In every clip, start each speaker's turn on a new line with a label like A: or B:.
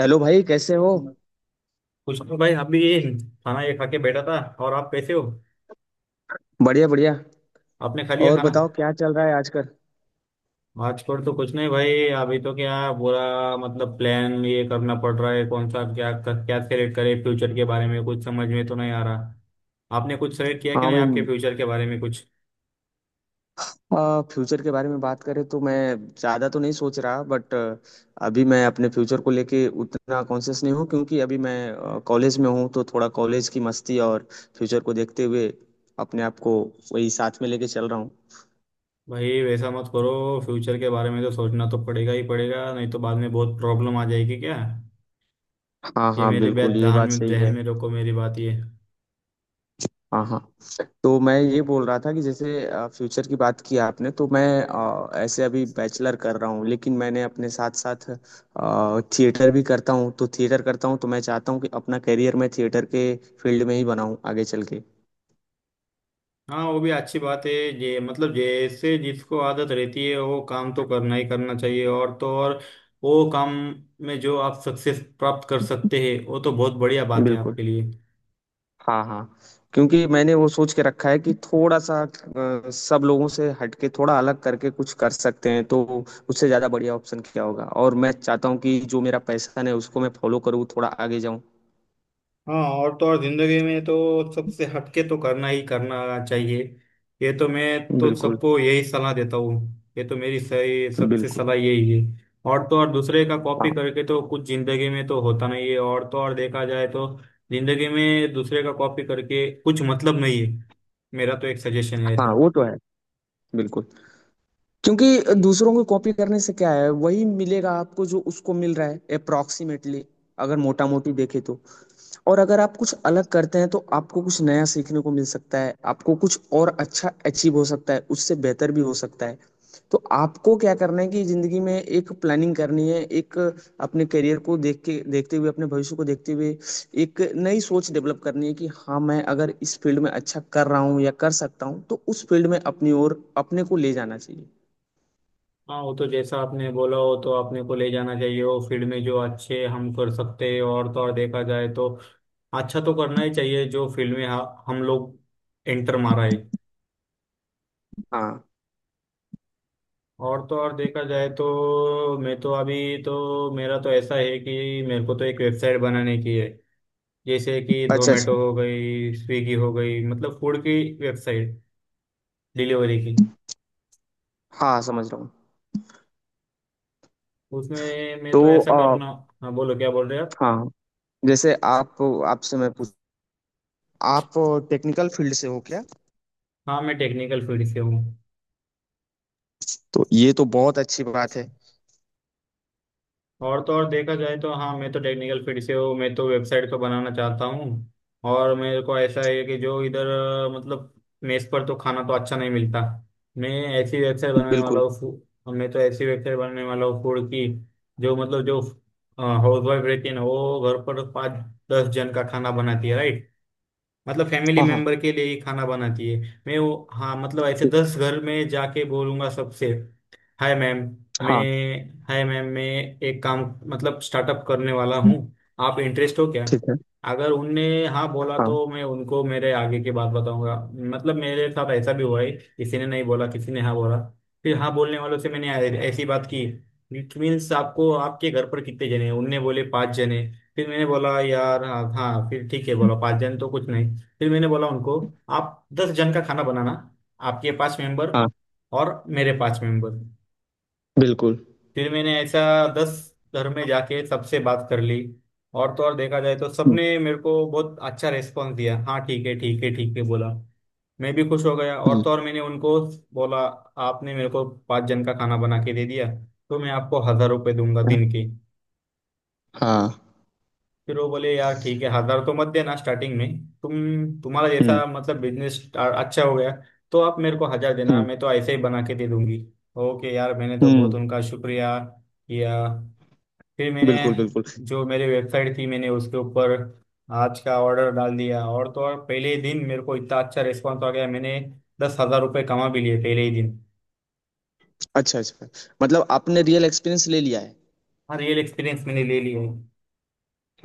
A: Hello भाई कैसे हो।
B: कुछ नहीं भाई। अभी ये खाना ये खा के बैठा था। और आप कैसे हो?
A: बढ़िया बढ़िया।
B: आपने खा लिया
A: और
B: खाना?
A: बताओ क्या चल रहा है आजकल।
B: आजकल तो कुछ नहीं भाई। अभी तो क्या बुरा, मतलब प्लान ये करना पड़ रहा है, कौन सा क्या क्या सेलेक्ट करें फ्यूचर के बारे में, कुछ समझ में तो नहीं आ रहा। आपने कुछ सेलेक्ट किया क्या
A: हाँ
B: नहीं
A: भाई,
B: आपके फ्यूचर के बारे में कुछ?
A: फ्यूचर के बारे में बात करें तो मैं ज़्यादा तो नहीं सोच रहा बट अभी मैं अपने फ्यूचर को लेके उतना कॉन्शियस नहीं हूँ, क्योंकि अभी मैं कॉलेज में हूँ तो थोड़ा कॉलेज की मस्ती और फ्यूचर को देखते हुए अपने आप को वही साथ में लेके चल रहा हूँ।
B: भाई वैसा मत करो। फ्यूचर के बारे में तो सोचना तो पड़ेगा ही पड़ेगा, नहीं तो बाद में बहुत प्रॉब्लम आ जाएगी क्या।
A: हाँ
B: ये
A: हाँ,
B: मेरी बात
A: बिल्कुल ये
B: ध्यान
A: बात
B: में
A: सही
B: ध्यान
A: है।
B: में रखो, मेरी बात ये।
A: हाँ हाँ, तो मैं ये बोल रहा था कि जैसे फ्यूचर की बात की आपने, तो मैं ऐसे अभी बैचलर कर रहा हूँ लेकिन मैंने अपने साथ साथ थिएटर भी करता हूँ, तो थिएटर करता हूँ तो मैं चाहता हूँ कि अपना करियर मैं थिएटर के फील्ड में ही बनाऊँ आगे चल के।
B: हाँ वो भी अच्छी बात है। जे मतलब जैसे जिसको आदत रहती है वो काम तो करना ही करना चाहिए। और तो और वो काम में जो आप सक्सेस प्राप्त कर सकते हैं वो तो बहुत बढ़िया बात है
A: बिल्कुल।
B: आपके लिए।
A: हाँ हाँ, क्योंकि मैंने वो सोच के रखा है कि थोड़ा सा सब लोगों से हटके थोड़ा अलग करके कुछ कर सकते हैं तो उससे ज़्यादा बढ़िया ऑप्शन क्या होगा, और मैं चाहता हूँ कि जो मेरा पैशन है उसको मैं फॉलो करूँ, थोड़ा आगे जाऊँ।
B: हाँ, और तो और जिंदगी में तो सबसे हटके तो करना ही करना चाहिए। ये तो मैं तो
A: बिल्कुल
B: सबको यही सलाह देता हूँ। ये तो मेरी सही सबसे
A: बिल्कुल।
B: सलाह यही है। और तो और दूसरे का कॉपी
A: हाँ
B: करके तो कुछ जिंदगी में तो होता नहीं है। और तो और देखा जाए तो जिंदगी में दूसरे का कॉपी करके कुछ मतलब नहीं है, मेरा तो एक सजेशन रहता
A: हाँ,
B: है।
A: वो तो है। बिल्कुल, क्योंकि दूसरों को कॉपी करने से क्या है, वही मिलेगा आपको जो उसको मिल रहा है अप्रोक्सीमेटली, अगर मोटा मोटी देखे तो। और अगर आप कुछ अलग करते हैं तो आपको कुछ नया सीखने को मिल सकता है, आपको कुछ और अच्छा अचीव हो सकता है, उससे बेहतर भी हो सकता है। तो आपको क्या करना है कि जिंदगी में एक प्लानिंग करनी है, एक अपने करियर को देख के देखते हुए, अपने भविष्य को देखते हुए एक नई सोच डेवलप करनी है कि हाँ, मैं अगर इस फील्ड में अच्छा कर रहा हूँ या कर सकता हूँ तो उस फील्ड में अपनी ओर अपने को ले जाना चाहिए।
B: हाँ, वो तो जैसा आपने बोला हो तो आपने को ले जाना चाहिए वो फील्ड में जो अच्छे हम कर सकते हैं। और तो और देखा जाए तो अच्छा तो करना ही चाहिए जो फील्ड में हम लोग एंटर मारा है।
A: हाँ।
B: और तो और देखा जाए तो मैं तो अभी, तो मेरा तो ऐसा है कि मेरे को तो एक वेबसाइट बनाने की है। जैसे कि
A: अच्छा
B: जोमेटो
A: अच्छा।
B: हो गई, स्विगी हो गई, मतलब फूड की वेबसाइट, डिलीवरी की।
A: हाँ समझ रहा हूँ।
B: उसमें मैं
A: तो
B: तो ऐसा
A: आ,
B: करना। हाँ बोलो, क्या बोल रहे हो आप?
A: हाँ जैसे आप, आपसे मैं पूछ आप टेक्निकल फील्ड से हो क्या।
B: हाँ, मैं टेक्निकल फील्ड से हूँ।
A: तो ये तो बहुत अच्छी बात है।
B: और तो और देखा जाए तो हाँ, मैं तो टेक्निकल फील्ड से हूँ, मैं तो वेबसाइट को बनाना चाहता हूँ। और मेरे को ऐसा है कि जो इधर मतलब मेस पर तो खाना तो अच्छा नहीं मिलता। मैं
A: बिल्कुल।
B: मैं तो ऐसी वेबसाइट बनाने वाला हूँ फूड की। जो मतलब जो हाउस वाइफ रहती है ना वो घर पर 5-10 जन का खाना बनाती है, राइट? मतलब फैमिली
A: हाँ हाँ।
B: मेंबर के लिए ही खाना बनाती है। मैं वो हाँ मतलब ऐसे
A: ठीक-।
B: 10 घर में जाके बोलूंगा सबसे, हाय मैम, मैं,
A: हाँ
B: हाय मैम मैं एक काम मतलब स्टार्टअप करने वाला हूँ, आप इंटरेस्ट हो क्या?
A: ठीक है।
B: अगर उनने हाँ बोला
A: हाँ
B: तो मैं उनको मेरे आगे की बात बताऊंगा। मतलब मेरे साथ ऐसा भी हुआ है किसी ने नहीं बोला, किसी ने हाँ बोला। फिर हाँ बोलने वालों से मैंने ऐसी बात की। इट मीन्स आपको, आपके घर पर कितने जने हैं? उनने बोले पाँच जने। फिर मैंने बोला यार, हाँ हाँ फिर ठीक है, बोला पाँच जन तो कुछ नहीं। फिर मैंने बोला उनको, आप 10 जन का खाना बनाना, आपके पाँच मेंबर
A: हाँ।
B: और मेरे पाँच मेंबर।
A: बिल्कुल।
B: फिर मैंने ऐसा 10 घर में जाके सबसे बात कर ली। और तो और देखा जाए तो
A: हम्म।
B: सबने मेरे को बहुत अच्छा रेस्पॉन्स दिया, हाँ ठीक है ठीक है ठीक है बोला। मैं भी खुश हो गया। और
A: हम्म।
B: तो और मैंने उनको बोला, आपने मेरे को पाँच जन का खाना बना के दे दिया तो मैं आपको 1000 रुपये दूंगा दिन के।
A: हाँ।
B: फिर वो बोले यार ठीक है, 1000 तो मत देना स्टार्टिंग में, तुम, तुम्हारा
A: हम्म।
B: जैसा मतलब बिजनेस अच्छा हो गया तो आप मेरे को 1000 देना,
A: हम्म।
B: मैं तो ऐसे ही बना के दे दूंगी। ओके यार, मैंने तो
A: हम्म।
B: बहुत उनका शुक्रिया किया। फिर मैंने
A: बिल्कुल बिल्कुल।
B: जो मेरे वेबसाइट थी मैंने उसके ऊपर आज का ऑर्डर डाल दिया, और तो और पहले ही दिन मेरे को इतना अच्छा रिस्पॉन्स आ गया, मैंने 10,000 रुपये कमा भी लिए पहले ही दिन।
A: अच्छा अच्छा। मतलब आपने रियल एक्सपीरियंस ले लिया है।
B: हाँ, रियल एक्सपीरियंस मैंने ले लिया है।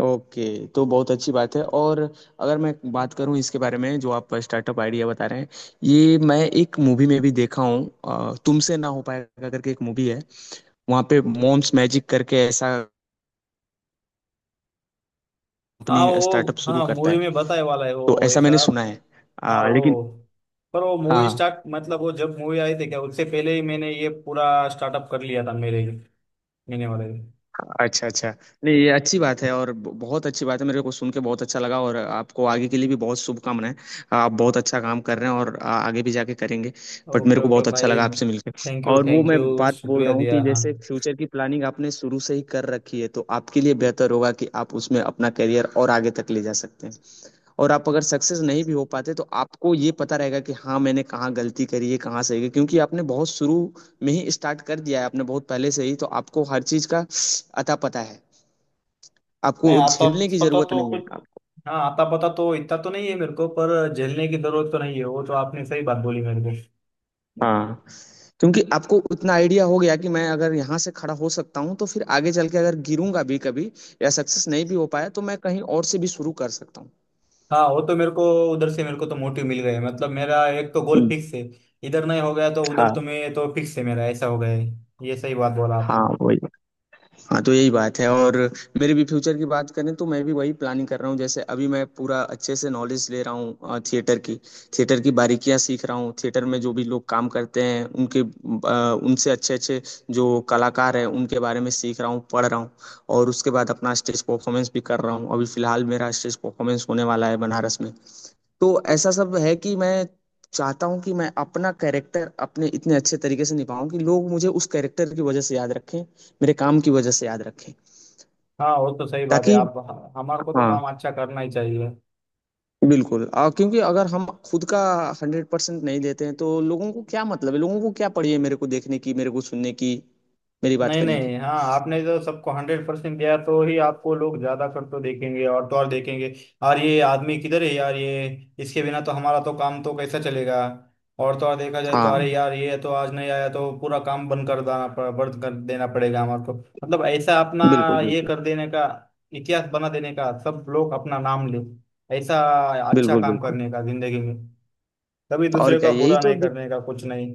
A: ओके, तो बहुत अच्छी बात है। और अगर मैं बात करूं इसके बारे में जो आप स्टार्टअप आइडिया बता रहे हैं, ये मैं एक मूवी में भी देखा हूं। तुमसे ना हो पाएगा करके एक मूवी है, वहां पे मॉम्स मैजिक करके ऐसा कंपनी
B: हाँ वो
A: स्टार्टअप शुरू
B: हाँ
A: करता
B: मूवी
A: है।
B: में बताए वाला है
A: तो
B: वो
A: ऐसा
B: ऐसा।
A: मैंने सुना है।
B: हाँ
A: लेकिन
B: वो, पर वो
A: हाँ
B: मूवी
A: हाँ।
B: स्टार्ट मतलब वो जब मूवी आई थी क्या, उससे पहले ही मैंने ये पूरा स्टार्टअप कर लिया था मेरे, मैंने वाले।
A: अच्छा अच्छा। नहीं, ये अच्छी बात है और बहुत अच्छी बात है, मेरे को सुन के बहुत अच्छा लगा। और आपको आगे के लिए भी बहुत शुभकामनाएं, आप बहुत अच्छा काम कर रहे हैं और आगे भी जाके करेंगे। बट
B: ओके
A: मेरे को
B: ओके
A: बहुत अच्छा
B: भाई,
A: लगा आपसे मिलकर।
B: थैंक यू
A: और वो
B: थैंक
A: मैं
B: यू,
A: बात बोल
B: शुक्रिया
A: रहा हूँ
B: दिया,
A: कि
B: हाँ।
A: जैसे फ्यूचर की प्लानिंग आपने शुरू से ही कर रखी है तो आपके लिए बेहतर होगा कि आप उसमें अपना करियर और आगे तक ले जा सकते हैं। और आप अगर सक्सेस नहीं भी हो पाते तो आपको ये पता रहेगा कि हाँ, मैंने कहाँ गलती करी है कहाँ सही है, क्योंकि आपने बहुत शुरू में ही स्टार्ट कर दिया है, आपने बहुत पहले से ही, तो आपको हर चीज का अता पता है। आपको
B: नहीं आता
A: झेलने की
B: पता
A: जरूरत
B: तो
A: नहीं
B: कुछ,
A: है आपको।
B: हाँ आता पता तो इतना तो नहीं है मेरे को, पर झेलने की जरूरत तो नहीं है, वो तो आपने सही बात बोली मेरे को।
A: हाँ, क्योंकि आपको उतना आइडिया हो गया कि मैं अगर यहाँ से खड़ा हो सकता हूँ तो फिर आगे चल के अगर गिरूंगा भी कभी या सक्सेस नहीं भी हो पाया तो मैं कहीं और से भी शुरू कर सकता
B: हाँ वो तो मेरे को उधर से मेरे को तो मोटिव मिल गया है। मतलब मेरा एक तो गोल
A: हूँ।
B: फिक्स है। इधर नहीं हो गया तो उधर
A: हाँ।
B: तो मैं तो फिक्स है मेरा, ऐसा हो गया है। ये सही बात बोला आपने।
A: हाँ वही। हाँ, तो यही बात है। और मेरे भी फ्यूचर की बात करें तो मैं भी वही प्लानिंग कर रहा हूँ। जैसे अभी मैं पूरा अच्छे से नॉलेज ले रहा हूँ थिएटर की, थिएटर की बारीकियाँ सीख रहा हूँ, थिएटर में जो भी लोग काम करते हैं उनके उनसे अच्छे अच्छे जो कलाकार हैं उनके बारे में सीख रहा हूँ पढ़ रहा हूँ। और उसके बाद अपना स्टेज परफॉर्मेंस भी कर रहा हूँ, अभी फिलहाल मेरा स्टेज परफॉर्मेंस होने वाला है बनारस में। तो ऐसा सब है कि मैं चाहता हूँ कि मैं अपना कैरेक्टर अपने इतने अच्छे तरीके से निभाऊं कि लोग मुझे उस कैरेक्टर की वजह से याद रखें, मेरे काम की वजह से याद रखें।
B: हाँ वो तो सही बात है
A: ताकि
B: आप, हमारे को तो
A: हाँ।
B: काम अच्छा करना ही चाहिए।
A: बिल्कुल, और क्योंकि अगर हम खुद का 100% नहीं देते हैं तो लोगों को क्या मतलब है, लोगों को क्या पड़ी है मेरे को देखने की, मेरे को सुनने की, मेरी बात
B: नहीं
A: करने की।
B: नहीं, हाँ आपने जो सबको 100% दिया तो ही आपको लोग ज्यादा कर तो देखेंगे और तो और देखेंगे। और ये आदमी किधर है यार, ये इसके बिना तो हमारा तो काम तो कैसा चलेगा। और तो और देखा जाए तो अरे
A: हाँ।
B: यार, ये तो आज नहीं आया तो पूरा काम बंद कर देना, बंद कर देना पड़ेगा हमारे को। मतलब ऐसा अपना
A: बिल्कुल
B: ये
A: बिल्कुल।
B: कर देने का, इतिहास बना देने का, सब लोग अपना नाम ले, ऐसा अच्छा
A: बिल्कुल
B: काम
A: बिल्कुल।
B: करने का जिंदगी में। कभी
A: और
B: दूसरे
A: क्या,
B: का
A: यही
B: बुरा
A: तो,
B: नहीं करने का, कुछ नहीं।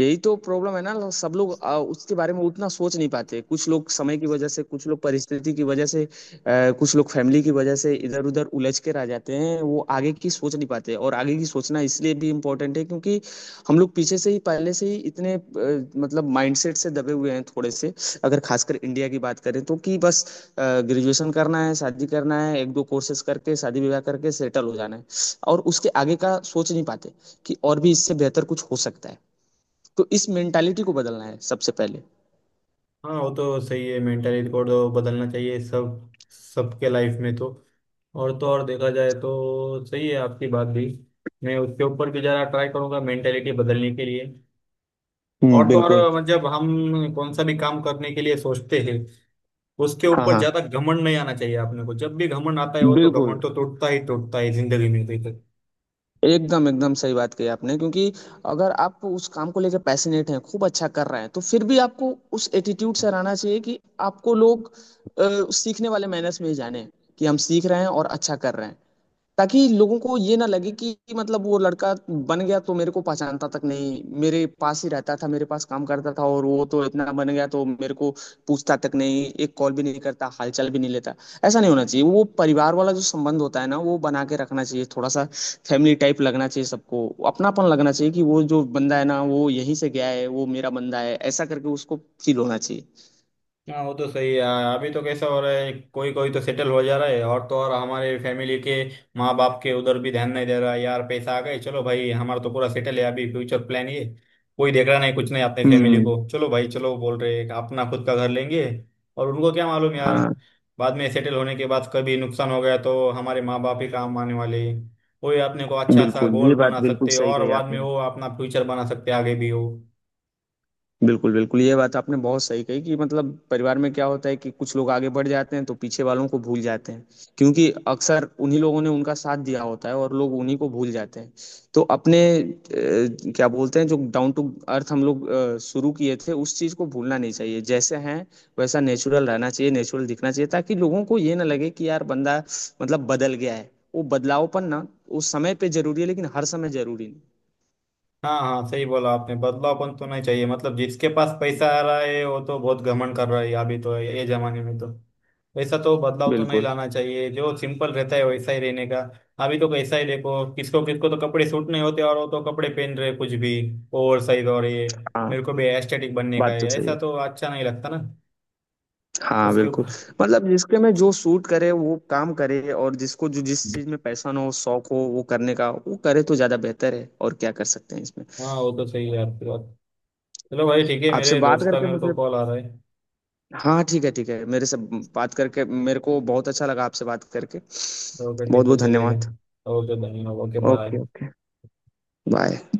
A: यही तो प्रॉब्लम है ना। सब लोग उसके बारे में उतना सोच नहीं पाते, कुछ लोग समय की वजह से, कुछ लोग परिस्थिति की वजह से, कुछ लोग फैमिली की वजह से इधर उधर उलझ के रह जाते हैं, वो आगे की सोच नहीं पाते। और आगे की सोचना इसलिए भी इम्पोर्टेंट है क्योंकि हम लोग पीछे से ही, पहले से ही इतने मतलब माइंडसेट से दबे हुए हैं थोड़े से। अगर खासकर इंडिया की बात करें, तो कि बस ग्रेजुएशन करना है, शादी करना है, एक दो कोर्सेज करके शादी विवाह करके सेटल हो जाना है और उसके आगे का सोच नहीं पाते कि और भी इससे बेहतर कुछ हो सकता है। तो इस मेंटालिटी को बदलना है सबसे पहले।
B: हाँ वो तो सही है, मेंटली रिकॉर्ड तो बदलना चाहिए सब सबके लाइफ में तो। और तो और देखा जाए तो सही है आपकी बात भी। मैं उसके ऊपर भी ज़रा ट्राई करूंगा मेंटेलिटी बदलने के लिए।
A: हम्म,
B: और तो
A: बिल्कुल।
B: और जब हम कौन सा भी काम करने के लिए सोचते हैं उसके
A: हाँ
B: ऊपर
A: हाँ।
B: ज़्यादा घमंड नहीं आना चाहिए, आपने को जब भी घमंड आता है वो तो
A: बिल्कुल,
B: घमंड तो टूटता ही टूटता है जिंदगी में।
A: एकदम एकदम सही बात कही आपने, क्योंकि अगर आप उस काम को लेकर पैशनेट हैं, खूब अच्छा कर रहे हैं, तो फिर भी आपको उस एटीट्यूड से रहना चाहिए कि आपको लोग अ, सीखने वाले मैनर्स में ही जाने कि हम सीख रहे हैं और अच्छा कर रहे हैं। ताकि लोगों को ये ना लगे कि मतलब वो लड़का बन गया तो मेरे को पहचानता तक नहीं, मेरे पास ही रहता था, मेरे पास काम करता था और वो तो इतना बन गया तो मेरे को पूछता तक नहीं, एक कॉल भी नहीं करता, हालचाल भी नहीं लेता। ऐसा नहीं होना चाहिए। वो परिवार वाला जो संबंध होता है ना, वो बना के रखना चाहिए थोड़ा सा। फैमिली टाइप लगना चाहिए सबको, अपनापन लगना चाहिए कि वो जो बंदा है ना, वो यहीं से गया है, वो मेरा बंदा है, ऐसा करके उसको फील होना चाहिए।
B: हाँ वो तो सही है यार। अभी तो कैसा हो रहा है, कोई कोई तो सेटल हो जा रहा है और तो और हमारे फैमिली के माँ बाप के उधर भी ध्यान नहीं दे रहा है। यार पैसा आ गए, चलो भाई हमारा तो पूरा सेटल है, अभी फ्यूचर प्लान ये कोई देख रहा नहीं कुछ नहीं अपने फैमिली
A: हम्म।
B: को, चलो भाई चलो, बोल रहे हैं अपना खुद का घर लेंगे। और उनको क्या मालूम यार,
A: हाँ
B: बाद में सेटल होने के बाद कभी नुकसान हो गया तो हमारे माँ बाप ही काम आने वाले हैं। वही अपने को अच्छा सा
A: बिल्कुल,
B: गोल
A: ये बात
B: बना
A: बिल्कुल
B: सकते हैं
A: सही
B: और
A: कही
B: बाद में
A: आपने।
B: वो अपना फ्यूचर बना सकते हैं आगे भी हो।
A: बिल्कुल, बिल्कुल, ये बात आपने बहुत सही कही कि मतलब परिवार में क्या होता है कि कुछ लोग आगे बढ़ जाते हैं तो पीछे वालों को भूल जाते हैं, क्योंकि अक्सर उन्हीं लोगों ने उनका साथ दिया होता है और लोग उन्हीं को भूल जाते हैं। तो अपने क्या बोलते हैं, जो डाउन टू अर्थ हम लोग शुरू किए थे उस चीज़ को भूलना नहीं चाहिए। जैसे हैं वैसा नेचुरल रहना चाहिए, नेचुरल दिखना चाहिए, ताकि लोगों को ये ना लगे कि यार बंदा मतलब बदल गया है। वो बदलावपन ना उस समय पे ज़रूरी है लेकिन हर समय ज़रूरी नहीं।
B: हाँ हाँ सही बोला आपने, बदलावपन तो नहीं चाहिए, मतलब जिसके पास पैसा आ रहा है वो तो बहुत घमंड कर रहा है अभी तो ये जमाने में तो, वैसा तो बदलाव तो नहीं
A: बिल्कुल,
B: लाना चाहिए, जो सिंपल रहता है वैसा ही रहने का। अभी तो कैसा ही देखो, किसको किसको तो कपड़े सूट नहीं होते और वो तो कपड़े पहन रहे कुछ भी, ओवर साइज, और ये
A: हाँ,
B: मेरे को भी एस्थेटिक बनने का
A: बात
B: है,
A: तो सही
B: ऐसा
A: है।
B: तो अच्छा नहीं लगता ना।
A: हाँ
B: उसके
A: बिल्कुल।
B: ऊपर
A: मतलब जिसके में जो सूट करे वो काम करे, और जिसको जो जिस चीज में पैशन हो शौक हो वो करने का वो करे तो ज्यादा बेहतर है, और क्या कर सकते हैं इसमें।
B: हाँ वो तो सही है आपकी बात। चलो भाई ठीक है,
A: आपसे
B: मेरे
A: बात
B: दोस्त का
A: करके
B: मेरे को
A: मुझे,
B: कॉल आ रहा है।
A: हाँ ठीक है ठीक है, मेरे से बात करके, मेरे को बहुत अच्छा लगा आपसे बात करके।
B: ओके
A: बहुत
B: ठीक है
A: बहुत
B: चलेगा।
A: धन्यवाद।
B: ओके धन्यवाद, okay
A: okay
B: bye.
A: Okay. Bye.